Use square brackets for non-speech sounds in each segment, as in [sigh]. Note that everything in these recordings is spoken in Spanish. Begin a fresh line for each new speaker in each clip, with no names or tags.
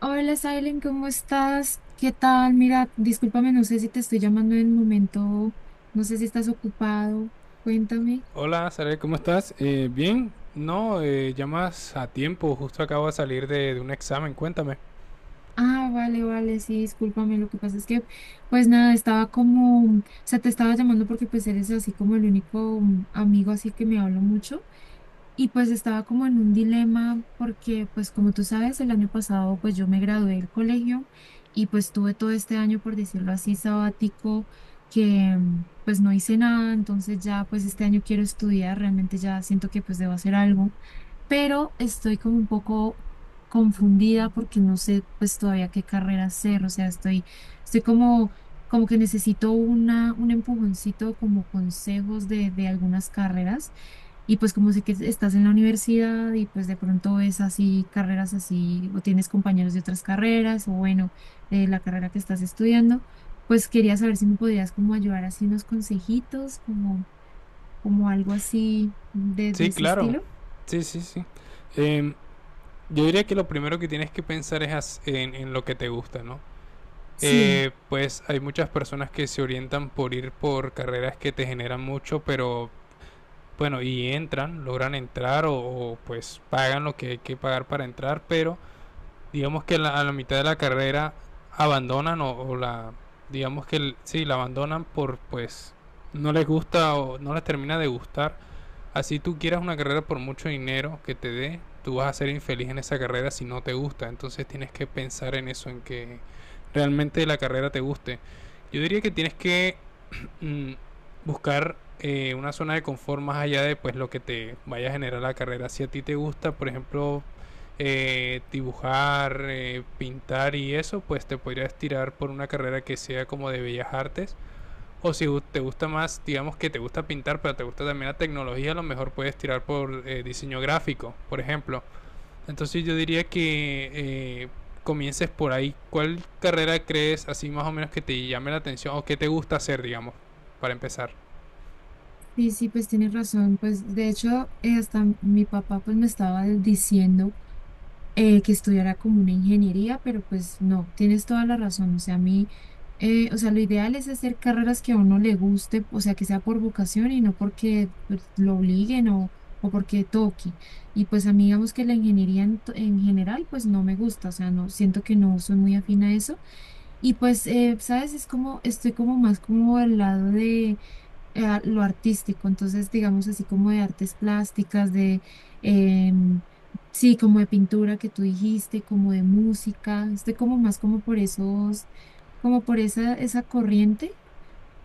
Hola, Silen, ¿cómo estás? ¿Qué tal? Mira, discúlpame, no sé si te estoy llamando en el momento, no sé si estás ocupado, cuéntame.
Hola, Sarel, ¿cómo estás? Bien, no, llamas a tiempo, justo acabo de salir de un examen, cuéntame.
Ah, vale, vale, sí, discúlpame, lo que pasa es que, pues nada, estaba como, o sea, te estaba llamando porque pues eres así como el único amigo así que me habla mucho. Y pues estaba como en un dilema porque pues como tú sabes, el año pasado pues yo me gradué del colegio y pues tuve todo este año, por decirlo así, sabático, que pues no hice nada, entonces ya pues este año quiero estudiar, realmente ya siento que pues debo hacer algo, pero estoy como un poco confundida porque no sé pues todavía qué carrera hacer, o sea, estoy como que necesito una, un empujoncito como consejos de algunas carreras y pues como sé que estás en la universidad y pues de pronto ves así carreras así o tienes compañeros de otras carreras o bueno, la carrera que estás estudiando, pues quería saber si me podías como ayudar así unos consejitos, como, como algo así de
Sí,
ese
claro,
estilo.
sí, sí, sí. Em, yo diría que lo primero que tienes que pensar en lo que te gusta, ¿no?
Sí,
Pues hay muchas personas que se orientan por ir por carreras que te generan mucho, pero bueno, y entran, logran entrar o pues pagan lo que hay que pagar para entrar, pero digamos que a la mitad de la carrera abandonan o la digamos que sí la abandonan por pues no les gusta o no les termina de gustar. Así tú quieras una carrera, por mucho dinero que te dé, tú vas a ser infeliz en esa carrera si no te gusta. Entonces tienes que pensar en eso, en que realmente la carrera te guste. Yo diría que tienes que [clears throat] mm, buscar una zona de confort más allá de pues lo que te vaya a generar la carrera. Si a ti te gusta, por ejemplo, dibujar, pintar y eso, pues te podrías tirar por una carrera que sea como de bellas artes. O si te gusta más, digamos que te gusta pintar, pero te gusta también la tecnología, a lo mejor puedes tirar por diseño gráfico, por ejemplo. Entonces yo diría que eh, comiences por ahí. ¿Cuál carrera crees así más o menos que te llame la atención o que te gusta hacer, digamos, para empezar?
sí, sí, pues tienes razón. Pues de hecho, hasta mi papá pues me estaba diciendo, que estudiara como una ingeniería, pero pues no, tienes toda la razón. O sea, a mí, o sea, lo ideal es hacer carreras que a uno le guste, o sea, que sea por vocación y no porque pues, lo obliguen o porque toque. Y pues a mí, digamos que la ingeniería en, en general, pues no me gusta, o sea, no, siento que no soy muy afín a eso. Y pues, ¿sabes? Es como, estoy como más como al lado a lo artístico, entonces digamos así como de artes plásticas, de, em, sí, como de pintura que tú dijiste, como de música, estoy como más como por esos, como por esa, corriente,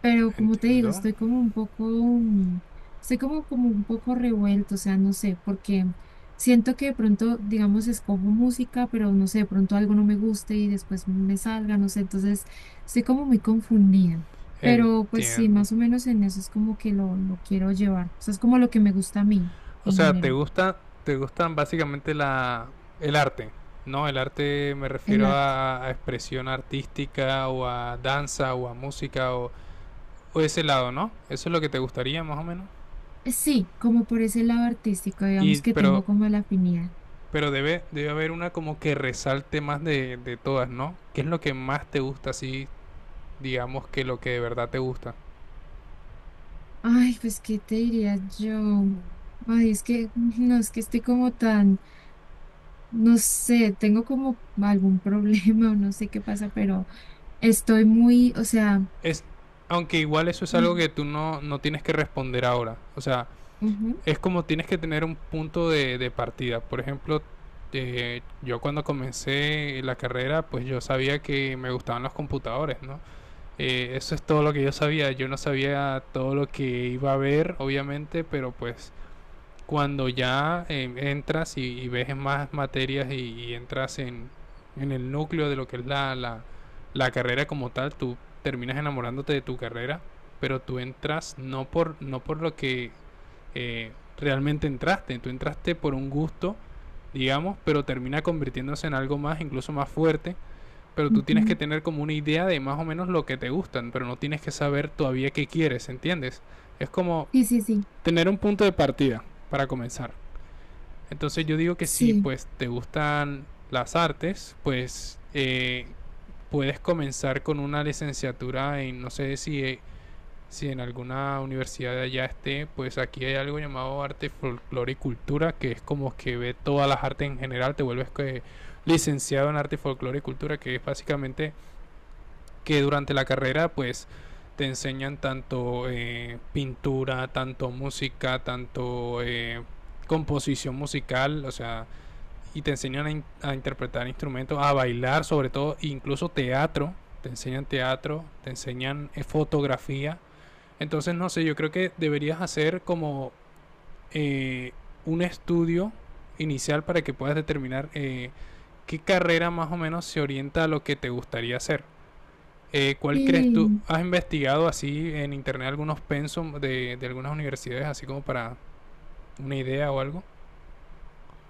pero como te digo,
Entiendo.
estoy como un poco, estoy como, como un poco revuelto, o sea, no sé, porque siento que de pronto, digamos, escojo música, pero no sé, de pronto algo no me guste y después me salga, no sé, entonces estoy como muy confundida. Pero pues sí,
Entiendo.
más o menos en eso es como que lo quiero llevar. O sea, es como lo que me gusta a mí
O
en
sea, te
general,
gusta, te gustan básicamente la, el arte, ¿no? El arte, me
el
refiero
arte.
a expresión artística o a danza o a música o ese lado, ¿no? Eso es lo que te gustaría más o menos.
Sí, como por ese lado artístico,
Y
digamos que
pero
tengo como la afinidad.
pero debe haber una como que resalte más de todas, ¿no? ¿Qué es lo que más te gusta así, digamos, que lo que de verdad te gusta?
Ay, pues, ¿qué te diría yo? Ay, es que, [laughs] no, es que estoy como tan, no sé, tengo como algún [laughs] problema o no sé qué pasa, pero estoy muy, o sea,
Es Aunque igual eso es algo
ujú,
que tú no, no tienes que responder ahora. O sea,
ujú,
es como tienes que tener un punto de partida. Por ejemplo, yo cuando comencé la carrera, pues yo sabía que me gustaban los computadores, ¿no? Eso es todo lo que yo sabía. Yo no sabía todo lo que iba a ver, obviamente, pero pues cuando ya entras y ves más materias y entras en el núcleo de lo que es la carrera como tal, tú terminas enamorándote de tu carrera, pero tú entras no por, no por lo que eh, realmente entraste. Tú entraste por un gusto, digamos, pero termina convirtiéndose en algo más, incluso más fuerte. Pero tú tienes que
ujú.
tener como una idea de más o menos lo que te gustan, pero no tienes que saber todavía qué quieres, ¿entiendes? Es como
Sí, sí, sí,
tener un punto de partida para comenzar. Entonces yo digo que si
sí,
pues te gustan las artes, pues puedes comenzar con una licenciatura en, no sé si si en alguna universidad de allá esté, pues aquí hay algo llamado arte, folclore y cultura, que es como que ve todas las artes en general, te vuelves que licenciado en arte, folclore y cultura, que es básicamente que durante la carrera pues te enseñan tanto pintura, tanto música, tanto composición musical, o sea, y te enseñan a interpretar instrumentos, a bailar, sobre todo, incluso teatro, te enseñan fotografía. Entonces, no sé, yo creo que deberías hacer como eh, un estudio inicial para que puedas determinar qué carrera más o menos se orienta a lo que te gustaría hacer. ¿Cuál crees tú?
sí.
¿Has investigado así en internet algunos pensum de algunas universidades, así como para una idea o algo?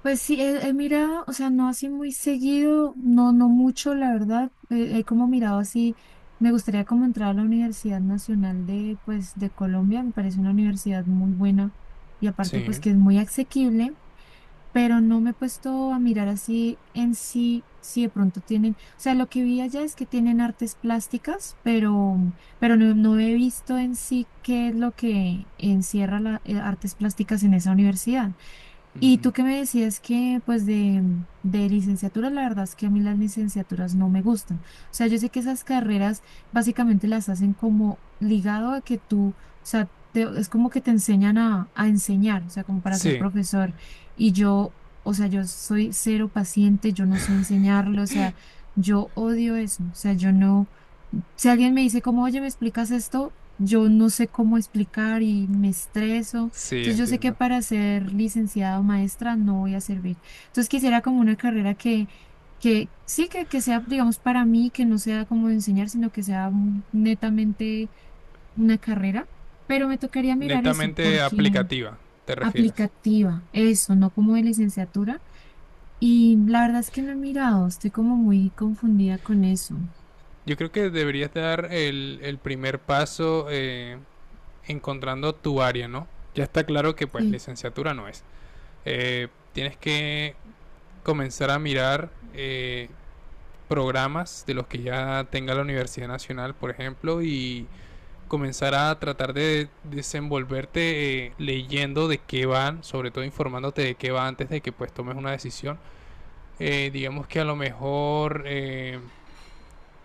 Pues sí, he mirado, o sea, no así muy seguido, no, no mucho, la verdad. He, como mirado así, me gustaría como entrar a la Universidad Nacional de, pues, de Colombia, me parece una universidad muy buena y aparte, pues,
Sí.
que es muy asequible. Pero no me he puesto a mirar así en sí, si de pronto tienen, o sea, lo que vi allá es que tienen artes plásticas, pero no, no he visto en sí qué es lo que encierra las artes plásticas en esa universidad. Y
Ujú.
tú que me decías que, pues, de, licenciatura, la verdad es que a mí las licenciaturas no me gustan. O sea, yo sé que esas carreras básicamente las hacen como ligado a que tú, o sea, es como que te enseñan a enseñar, o sea, como para ser
Sí,
profesor. Y yo, o sea, yo soy cero paciente, yo no sé enseñarlo, o sea, yo odio eso, o sea, yo no. Si alguien me dice como, oye, ¿me explicas esto? Yo no sé cómo explicar y me estreso.
sí,
Entonces yo sé que
entiendo.
para ser licenciada o maestra no voy a servir. Entonces quisiera como una carrera que sí, que sea, digamos, para mí, que no sea como de enseñar, sino que sea netamente una carrera. Pero me tocaría mirar eso,
Netamente
porque
aplicativa, te refieres.
aplicativa, eso, no como de licenciatura. Y la verdad es que no he mirado, estoy como muy confundida con eso.
Yo creo que deberías dar el primer paso encontrando tu área, ¿no? Ya está claro que pues
Sí.
licenciatura no es. Tienes que comenzar a mirar programas de los que ya tenga la Universidad Nacional, por ejemplo, y comenzar a tratar de desenvolverte leyendo de qué van, sobre todo informándote de qué va antes de que pues tomes una decisión. Digamos que a lo mejor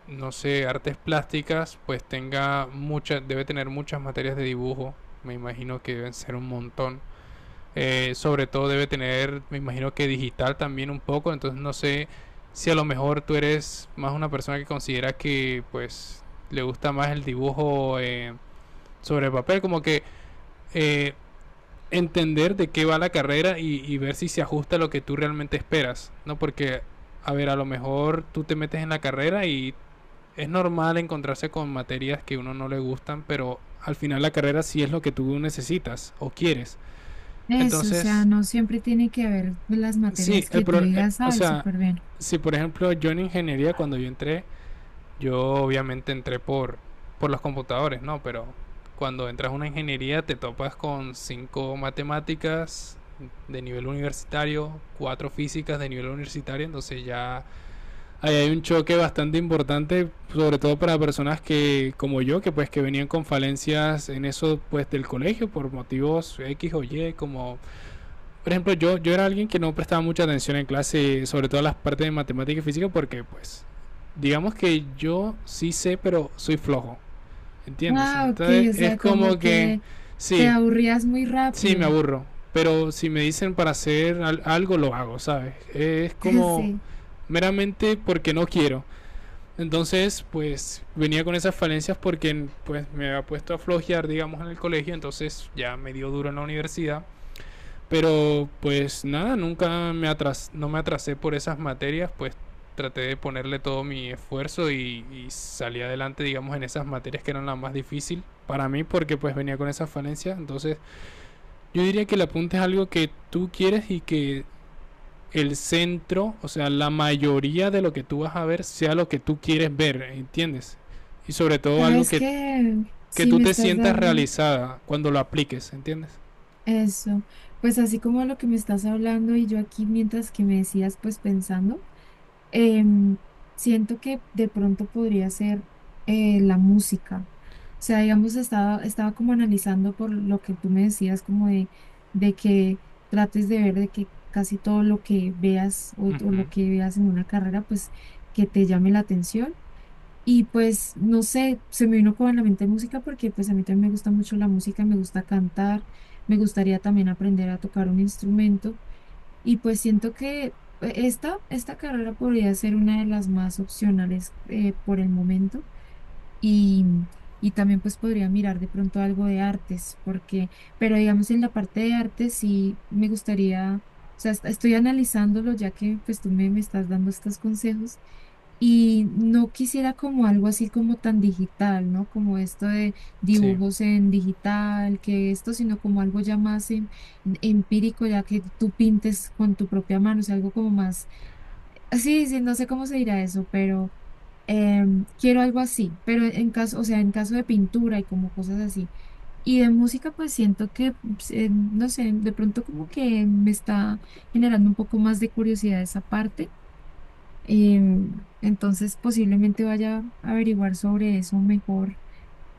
no sé, artes plásticas, pues tenga muchas, debe tener muchas materias de dibujo, me imagino que deben ser un montón. Sobre todo debe tener, me imagino que digital también un poco, entonces no sé si a lo mejor tú eres más una persona que considera que pues le gusta más el dibujo sobre el papel, como que eh, entender de qué va la carrera y ver si se ajusta a lo que tú realmente esperas, ¿no? Porque, a ver, a lo mejor tú te metes en la carrera y es normal encontrarse con materias que a uno no le gustan, pero al final la carrera sí es lo que tú necesitas o quieres.
Eso, o sea,
Entonces,
no siempre tiene que haber las
sí,
materias que tú digas,
o
ay,
sea,
súper bien.
si por ejemplo yo en ingeniería, cuando yo entré, yo obviamente entré por los computadores, ¿no? Pero cuando entras a una ingeniería te topas con cinco matemáticas de nivel universitario, cuatro físicas de nivel universitario, entonces ya. Ahí hay un choque bastante importante, sobre todo para personas que, como yo, que pues que venían con falencias en eso pues del colegio por motivos X o Y, como por ejemplo yo, yo era alguien que no prestaba mucha atención en clase, sobre todo las partes de matemática y física, porque pues digamos que yo sí sé, pero soy flojo, ¿entiendes?
Ah, ok,
Entonces
o
es
sea,
como
como
que
que te
sí,
aburrías muy
sí me
rápido.
aburro, pero si me dicen para hacer algo lo hago, ¿sabes? Es
[laughs]
como
Sí,
meramente porque no quiero. Entonces, pues venía con esas falencias porque pues me había puesto a flojear, digamos, en el colegio, entonces ya me dio duro en la universidad, pero pues nada, nunca me atras no me atrasé por esas materias, pues traté de ponerle todo mi esfuerzo y salí adelante, digamos, en esas materias que eran las más difíciles para mí porque pues venía con esas falencias. Entonces yo diría que el apunte es algo que tú quieres y que el centro, o sea, la mayoría de lo que tú vas a ver sea lo que tú quieres ver, ¿entiendes? Y sobre todo algo
¿sabes qué?
que
Sí,
tú
me
te
estás
sientas
dando
realizada cuando lo apliques, ¿entiendes?
eso. Pues así como lo que me estás hablando y yo aquí mientras que me decías, pues pensando. em, Siento que de pronto podría ser la música. O sea, digamos, estaba como analizando por lo que tú me decías, como de, que trates de ver de que casi todo lo que veas o
Ujú.
lo que veas en una carrera, pues que te llame la atención. Y pues, no sé, se me vino como a la mente música porque pues a mí también me gusta mucho la música, me gusta cantar, me gustaría también aprender a tocar un instrumento. Y pues siento que esta carrera podría ser una de las más opcionales por el momento y, y, también pues podría mirar de pronto algo de artes, pero digamos en la parte de artes sí me gustaría, o sea, estoy analizándolo ya que pues tú me estás dando estos consejos y no quisiera como algo así como tan digital, ¿no? Como esto de
Sí,
dibujos en digital, que esto, sino como algo ya más empírico, ya que tú pintes con tu propia mano, o sea, algo como más, sí, sí, no sé cómo se dirá eso, pero quiero algo así, pero en caso, o sea, en caso de pintura y como cosas así. Y de música, pues siento que, pues, no sé, de pronto como que me está generando un poco más de curiosidad esa parte. Entonces posiblemente vaya a averiguar sobre eso mejor.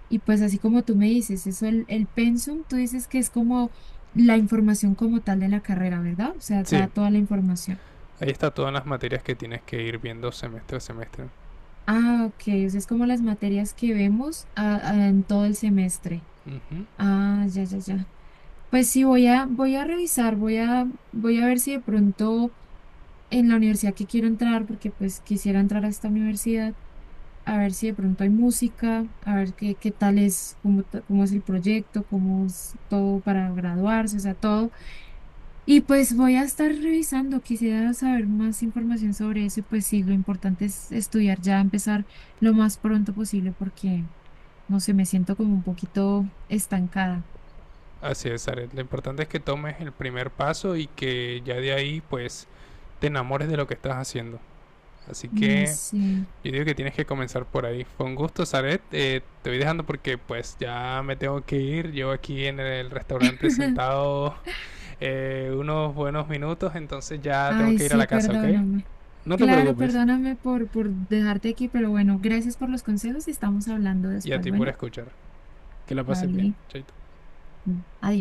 Y pues así como tú me dices, eso el pensum, tú dices que es como la información como tal de la carrera, ¿verdad? O sea,
sí.
da toda la información.
Ahí está todas las materias que tienes que ir viendo semestre a semestre.
Ah, ok, o sea, es como las materias que vemos en todo el semestre.
Ujú.
Ah, ya, ya, ya. Pues sí, voy a revisar, voy a ver si de pronto en la universidad que quiero entrar, porque pues quisiera entrar a esta universidad a ver si de pronto hay música, a ver qué, qué tal es, cómo, cómo es el proyecto, cómo es todo para graduarse, o sea, todo. Y pues voy a estar revisando, quisiera saber más información sobre eso y pues sí, lo importante es estudiar ya, empezar lo más pronto posible porque, no sé, me siento como un poquito estancada.
Así es, Aret. Lo importante es que tomes el primer paso y que ya de ahí, pues, te enamores de lo que estás haciendo. Así
Ay,
que
sí.
yo digo que tienes que comenzar por ahí. Fue un gusto, Saret. Te voy dejando porque pues ya me tengo que ir. Yo aquí en el restaurante
[laughs]
sentado unos buenos minutos, entonces ya tengo
Ay,
que ir a
sí,
la casa, ¿ok?
perdóname.
No te
Claro,
preocupes.
perdóname por dejarte aquí, pero bueno, gracias por los consejos y estamos hablando
Y a
después.
ti por
Bueno,
escuchar. Que la pases bien.
vale.
Chaito.
Adiós.